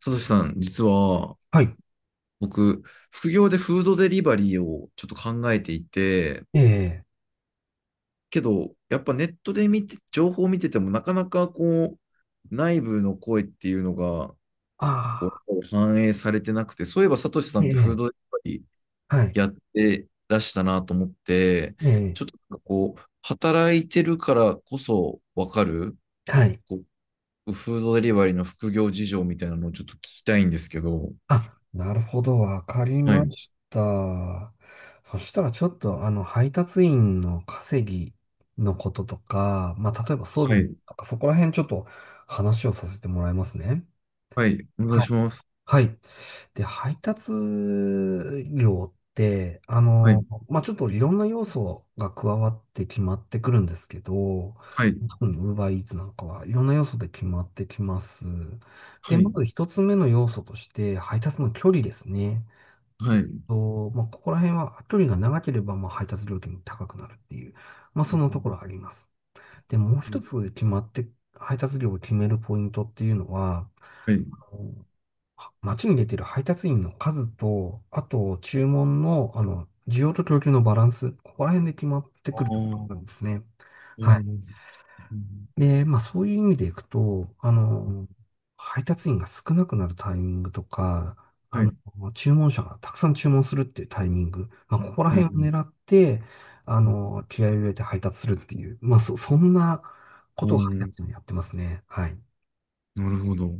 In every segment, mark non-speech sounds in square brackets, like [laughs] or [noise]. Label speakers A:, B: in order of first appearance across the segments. A: さとしさん、実は
B: はい。
A: 僕、副業でフードデリバリーをちょっと考えていて、
B: ええ。
A: けど、やっぱネットで見て、情報を見てても、なかなかこう、内部の声っていうのが
B: あ
A: こう反映されてなくて、そういえばさとしさ
B: あ、
A: ん
B: え
A: ってフード
B: え。
A: デリバリ
B: はい。
A: ーやってらしたなと思って、
B: ええ。
A: ちょっとなんかこう、働いてるからこそわかる、
B: はい。
A: こう、フードデリバリーの副業事情みたいなのをちょっと聞きたいんですけど。
B: あ、なるほど。わかり
A: は
B: ま
A: い、
B: した。そしたらちょっと、配達員の稼ぎのこととか、まあ、例えば装備
A: は
B: のこと
A: い、
B: とか、そこら辺ちょっと話をさせてもらいますね。
A: はい、お願い
B: は
A: し
B: い
A: ます。
B: はい。で、配達料って、
A: はい、
B: まあ、ちょっといろんな要素が加わって決まってくるんですけど、
A: はい、
B: 特に UberEats なんかはいろんな要素で決まってきます。で、
A: は
B: ま
A: い、
B: ず一つ目の要素として、配達の距離ですね。
A: は
B: え
A: い。
B: っ
A: う
B: まあ、ここら辺は距離が長ければ、まあ、配達料金も高くなるっていう、まあ、そのと
A: ん、
B: ころあります。で、もう
A: う
B: 一
A: ん、
B: つ決まって、配達料を決めるポイントっていうのは、
A: はい。
B: 街に出てる配達員の数と、あと注文の、需要と供給のバランス、ここら辺で決まって
A: あ
B: くるところなん
A: あ、
B: ですね。
A: う
B: はい。
A: ん、
B: で、まあそういう意味でいくと、配達員が少なくなるタイミングとか、あ
A: は
B: の、
A: い。
B: 注文者がたくさん注文するっていうタイミング、まあここら
A: うん、う
B: 辺を狙って、
A: ん、
B: 気合を入れて配達するっていう、まあそんなこ
A: う
B: とを配
A: ん、
B: 達員はやってますね。はい。
A: なるほど。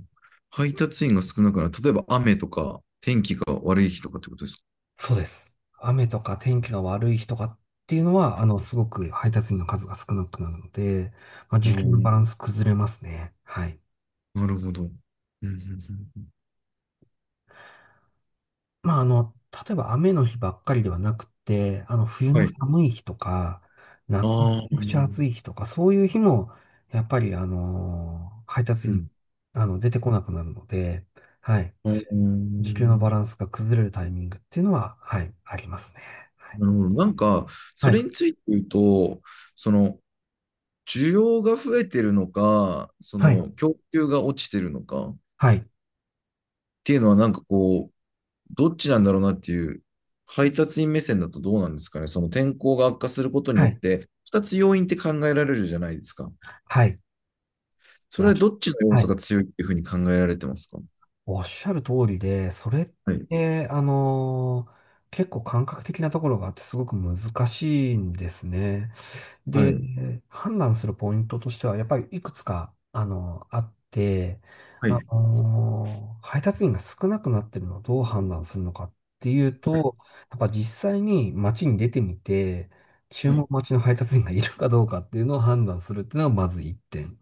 A: 配達員が少ないから、例えば雨とか、天気が悪い日とかってことですか？
B: そうです。雨とか天気が悪い日とかっていうのは、すごく配達員の数が少なくなるので、まあ、
A: ああ、
B: 時給のバランス崩れますね。はい。
A: なるほど。うん、うん、うん、
B: まあ、例えば雨の日ばっかりではなくて、冬の
A: はい。
B: 寒い日とか、
A: あ
B: 夏のめ
A: あ、
B: ち
A: う
B: ゃくちゃ暑
A: ん、
B: い日とか、そういう日も、やっぱり、配達員、出てこなくなるので、はい、
A: ああ、な
B: 時給のバランスが崩れるタイミングっていうのは、はい、ありますね。はい。
A: るほど。なんか、そ
B: はい。
A: れについて言うと、その、需要が増えてるのか、そ
B: はい。
A: の、供給が落ちてるのかっ
B: はい。
A: ていうのは、なんかこう、どっちなんだろうなっていう、配達員目線だとどうなんですかね。その天候が悪化することに
B: は
A: よっ
B: い。
A: て、2つ要因って考えられるじゃないですか。
B: はい。
A: それ
B: あ、
A: はどっちの要
B: は
A: 素
B: い、
A: が強いっていうふうに考えられてますか？
B: おっしゃる通りで、それっ
A: はい。
B: て、結構感覚的なところがあってすごく難しいんですね。
A: はい。
B: で、判断するポイントとしては、やっぱりいくつか、あって、
A: はい。
B: 配達員が少なくなってるのをどう判断するのかっていう
A: はい。
B: と、やっぱ実際に街に出てみて、注
A: は
B: 文
A: い。
B: 待ちの配達員がいるかどうかっていうのを判断するっていうのはまず一点。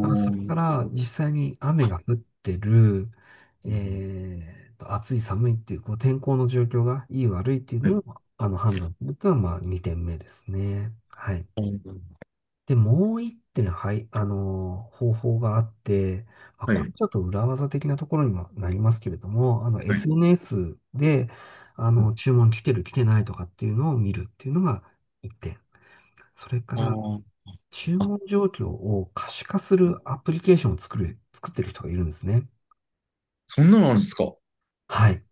B: あ、そ
A: ー、
B: れ
A: な
B: か
A: るほ
B: ら
A: ど。
B: 実際に雨が降ってる。
A: うん、
B: 暑い寒いっていう、こう天候の状況がいい悪いっていう
A: は
B: の
A: い。
B: を、判断するっていうのは、まあ、2点目ですね。はい。で、もう1点、はい、あの方法があって、まあ、
A: は
B: これ
A: い。
B: ちょっと裏技的なところにもなりますけれども、
A: はい。
B: SNS で、
A: はい、
B: 注文来てる来てないとかっていうのを見るっていうのが1点。それか
A: あ
B: ら、
A: ー。
B: 注
A: あ、
B: 文状況を可視化するアプリケーションを作ってる人がいるんですね。
A: そんなのあるんですか？
B: はい。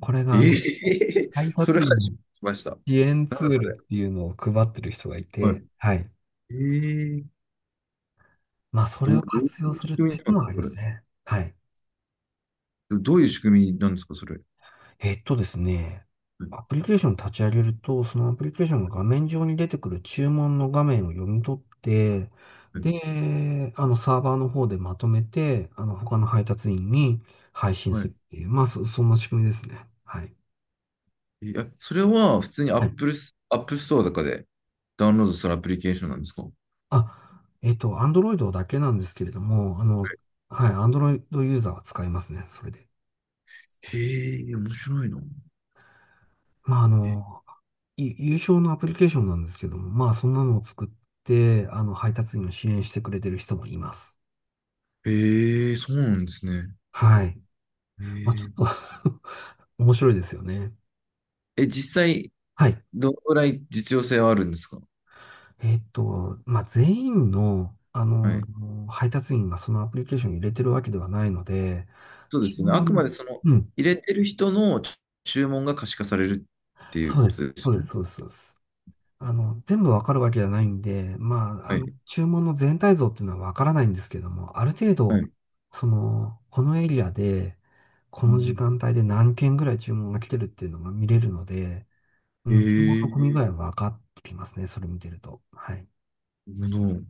B: これが、
A: ええ
B: 配
A: [laughs] そ
B: 達
A: れは初
B: 員
A: めて聞きました。
B: 支援
A: な
B: ツ
A: ん
B: ール
A: で、
B: っていうのを配ってる人がい
A: は
B: て、はい。
A: い。ええ。
B: まあ、それ
A: ど
B: を活
A: う
B: 用
A: いう
B: する
A: 仕
B: っ
A: 組
B: てい
A: み
B: う
A: なん
B: の
A: です
B: はあ
A: か、
B: り
A: そ
B: ま
A: れ。
B: すね。はい。
A: どういう仕組みなんですか、それ。
B: えっとですね、
A: はい。
B: アプリケーションを立ち上げると、そのアプリケーションの画面上に出てくる注文の画面を読み取って、
A: はい、
B: で、サーバーの方でまとめて、他の配達員に配信
A: は
B: する
A: い。
B: っていう、まあ、そんな仕組みですね。はい。
A: え、それは普通に
B: はい。
A: Apple、アップストアとかでダウンロードするアプリケーションなんですか？
B: あ、Android だけなんですけれども、はい、Android ユーザーは使いますね、それで。
A: へえ、面白いな。
B: まあ、
A: え、
B: 優勝のアプリケーションなんですけども、まあそんなのを作って、配達員を支援してくれてる人もいます。
A: へえ、そうなんですね。
B: はい。
A: へ
B: まあちょ
A: え、
B: っと [laughs] 面白いですよね。
A: え、実際、
B: はい。
A: どのぐらい実用性はあるんですか？
B: まあ全員の、
A: はい。
B: 配達員がそのアプリケーションに入れてるわけではないので、
A: そうで
B: 注
A: すよね。あくまで
B: 文、
A: その、
B: うん、
A: 入れてる人の注文が可視化されるっていう
B: そう
A: こ
B: で
A: と
B: す。
A: です
B: そうで
A: よ
B: す、
A: ね。
B: そうです、そうです。全部わかるわけじゃないんで、まあ、
A: はい。
B: 注文の全体像っていうのはわからないんですけども、ある程
A: は
B: 度、
A: い。
B: その、このエリアで、この時間帯で何件ぐらい注文が来てるっていうのが見れるので、う
A: へ
B: ん、注文の込み具
A: え、
B: 合は分かってきますね、それ見てると。はい。
A: なるほど。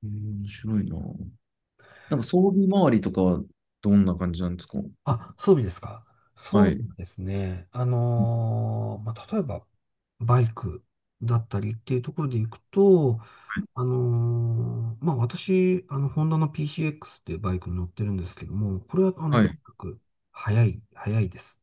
A: 面白いな。なんか装備周りとかはどんな感じなんですか？
B: あ、装備ですか。
A: は
B: 装
A: い。
B: 備はですね、まあ、例えば、バイクだったりっていうところで行くと、まあ、私、ホンダの PCX っていうバイクに乗ってるんですけども、これは、
A: は
B: とに
A: い。
B: かく、速い、速いです。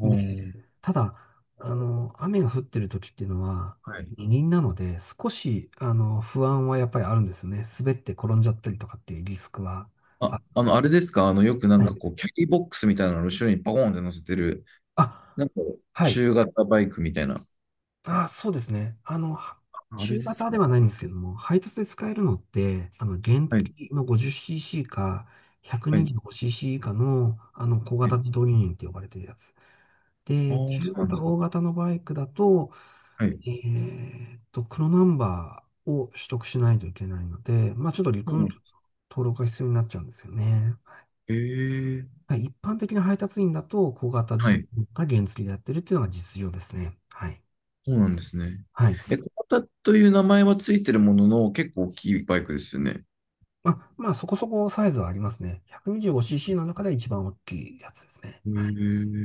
A: お
B: で、
A: ー、
B: ただ、雨が降ってる時っていうのは、
A: はい。
B: 二輪なので、少し、不安はやっぱりあるんですね。滑って転んじゃったりとかっていうリスクは。あ、
A: あ、あれですか？よくなん
B: は
A: か
B: い。
A: こう、キャリーボックスみたいなの後ろにバコーンって乗せてる、な
B: あ、
A: んか
B: はい。
A: 中型バイクみたいな。
B: あ、そうですね。
A: あれ
B: 中
A: です
B: 型で
A: か？
B: はないんですけども、配達で使えるのって、原
A: はい。
B: 付きの 50cc か
A: はい。
B: 125cc 以下の、小
A: は
B: 型
A: い。
B: 自動二輪って呼ばれてるやつ。
A: ああ、
B: で、
A: そ
B: 中
A: うなん
B: 型、
A: ですね。
B: 大型のバイクだと、
A: はい。
B: 黒ナンバーを取得しないといけないので、まあ、ちょっと
A: そ
B: 陸
A: う
B: 運
A: なん
B: 局
A: で
B: の
A: す。
B: 登録が必要になっちゃうんですよね。
A: ええ。
B: はい。一般的な配達員だと、小型自
A: は
B: 動
A: い。
B: か原付きでやってるっていうのが実情ですね。はい。
A: そうなんですね。
B: はい。
A: え、小型という名前はついてるものの、結構大きいバイクですよね。
B: まあ、まあ、そこそこサイズはありますね。125cc の中で一番大きいやつですね。はい。
A: へ、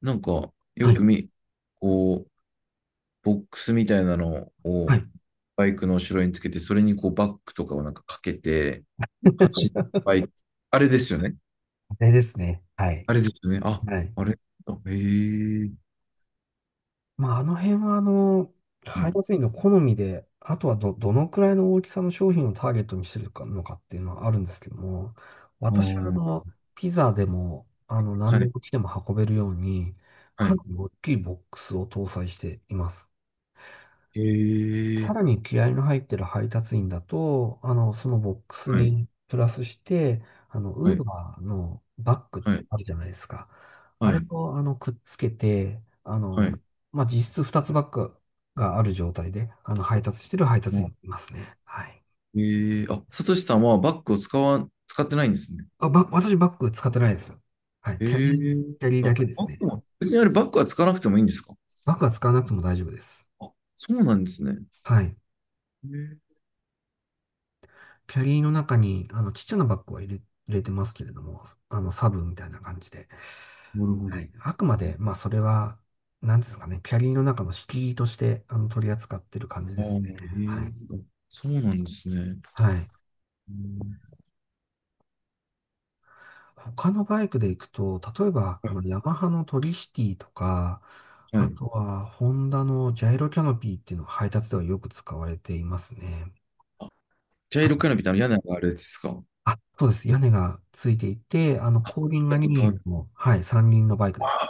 A: なんか、よ
B: は
A: く
B: い。
A: み、こう、ボックスみたいなの
B: は
A: を
B: い。
A: バイクの後ろにつけて、それにこうバッグとかをなんかかけて、走ったバイク。あれですよね。
B: あれですね。はい。
A: あれですよね。あ、
B: はい。
A: あれ。あ、へえ。
B: まあ、あの辺は、
A: は
B: 配
A: い。
B: 達員の好みで、あとはどのくらいの大きさの商品をターゲットにしてるかのかっていうのはあるんですけども、
A: あ
B: 私は、
A: ー、
B: ピザでも、何
A: は
B: で
A: い。
B: も来ても運べるように、
A: は
B: か
A: い。
B: なり大きいボックスを搭載しています。
A: へ
B: さ
A: え。
B: らに気合の入ってる配達員だと、そのボックス
A: はい。
B: にプラスして、ウ
A: は
B: ー
A: い。
B: バーのバッグっ
A: は
B: て
A: い。
B: あるじゃないですか。あ
A: は
B: れ
A: い。
B: を、くっつけて、
A: はい。
B: まあ、実質2つバッグがある状態で、配達してる配達員い
A: あ、
B: ますね。はい。
A: へえ。あ、サトシさんはバッグを使ってないんですね。
B: あ、私バッグ使ってないです。はい。
A: へえ。
B: キャリー
A: あ、
B: だけで
A: バ
B: す
A: ッグ
B: ね。
A: は、別にあれバッグは使わなくてもいいんですか？
B: バッグは使わなくても大丈夫です。
A: あ、そうなんですね。
B: はい。
A: へえ。
B: キャリーの中に、ちっちゃなバッグは入れてますけれども、サブみたいな感じで。
A: なるほ
B: は
A: ど。
B: い。あくまで、まあ、それは、なんですかね、キャリーの中の敷居として、取り扱ってる感じ
A: あ
B: で
A: あ、へ
B: すね。
A: え。
B: はい。
A: あ、そうなんですね。
B: はい。
A: うん、
B: 他のバイクで行くと、例えば、
A: はい。
B: ヤマハのトリシティとか、
A: は
B: あ
A: い。
B: とは、ホンダのジャイロキャノピーっていうのが配達ではよく使われていますね。
A: あ、ジャ
B: は
A: イロカ
B: い。
A: ーナビってあの屋根があれですか？
B: あ、そうです。屋根がついていて、後輪が2輪の、はい、3輪のバイクです。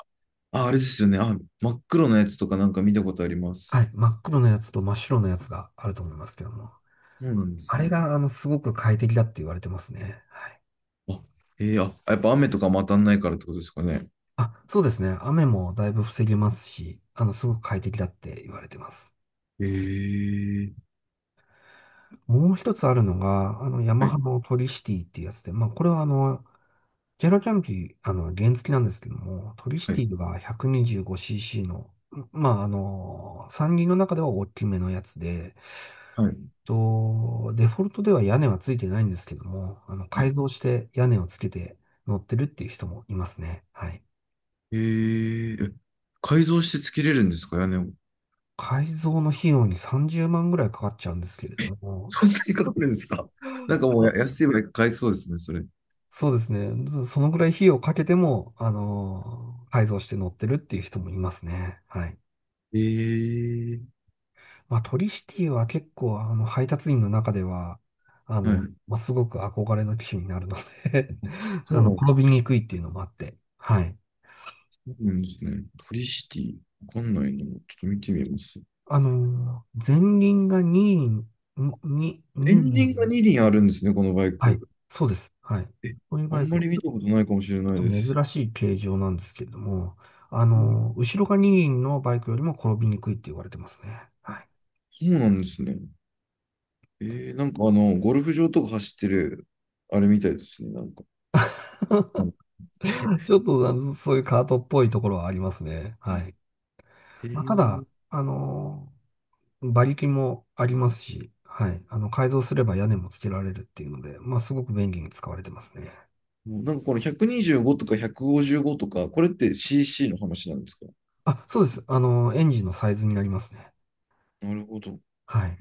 A: あ、あれですよね。あ、真っ黒なやつとかなんか見たことありま
B: は
A: す。
B: い。真っ黒のやつと真っ白のやつがあると思いますけども。
A: そうなんで
B: あ
A: す
B: れ
A: ね。
B: が、すごく快適だって言われてますね。はい。
A: あ、あ、やっぱ雨とかも当たんないからってことですかね。
B: あ、そうですね。雨もだいぶ防げますし、すごく快適だって言われてます。
A: えー、
B: もう一つあるのが、ヤマ
A: は
B: ハ
A: い、
B: のトリシティっていうやつで、まあ、これはジェラキャンピー、原付なんですけども、トリシ
A: は
B: テ
A: い、
B: ィが 125cc の、まあ、山林の中では大きめのやつで、
A: はい、
B: と、デフォルトでは屋根はついてないんですけども、
A: は
B: 改
A: い。
B: 造して屋根をつけて乗ってるっていう人もいますね。はい。
A: えー、え改造してつけれるんですか、屋根を。[laughs]
B: 改造の費用に30万ぐらいかかっちゃうんですけれども、
A: そんなにかかるんですか。
B: [laughs]
A: [laughs] なんかもう
B: あ、
A: や安いぐらい買えそうですね、それ。
B: そうですね。ずそのぐらい費用をかけても、改造して乗ってるっていう人もいますね。はい。
A: えー、
B: まあ、トリシティは結構、配達員の中では、
A: はい。
B: まあ、すごく憧れの機種になるので [laughs]
A: そうなんで
B: 転
A: す。
B: びにくいっていうのもあって、はい。
A: そうなんですね。トリシティ。わかんないな。ちょっと見てみます。
B: 前輪が二輪、
A: エ
B: 2
A: ンデ
B: 輪。
A: ィングが2輪あるんですね、このバイ
B: はい。
A: ク。
B: そうです。はい。
A: え、
B: こういう
A: あ
B: バイ
A: ん
B: ク、
A: まり
B: ち
A: 見
B: ょ
A: たことないかもしれ
B: っ
A: ない
B: と
A: です。
B: 珍しい形状なんですけれども、
A: うん、
B: 後ろが二輪のバイクよりも転びにくいって言われてますね。
A: あ、
B: はい。
A: そうなんですね。なんか、あの、ゴルフ場とか走ってる、あれみたいですね。なんか、なんか
B: ちょっと、そういうカートっぽいところはありますね。はい。
A: え
B: まあ、た
A: ー、
B: だ、馬力もありますし、はい。改造すれば屋根もつけられるっていうので、まあ、すごく便利に使われてますね。
A: もうなんかこの125とか155とか、これって CC の話なんですか？
B: あ、そうです。エンジンのサイズになりますね。
A: なるほど。
B: はい。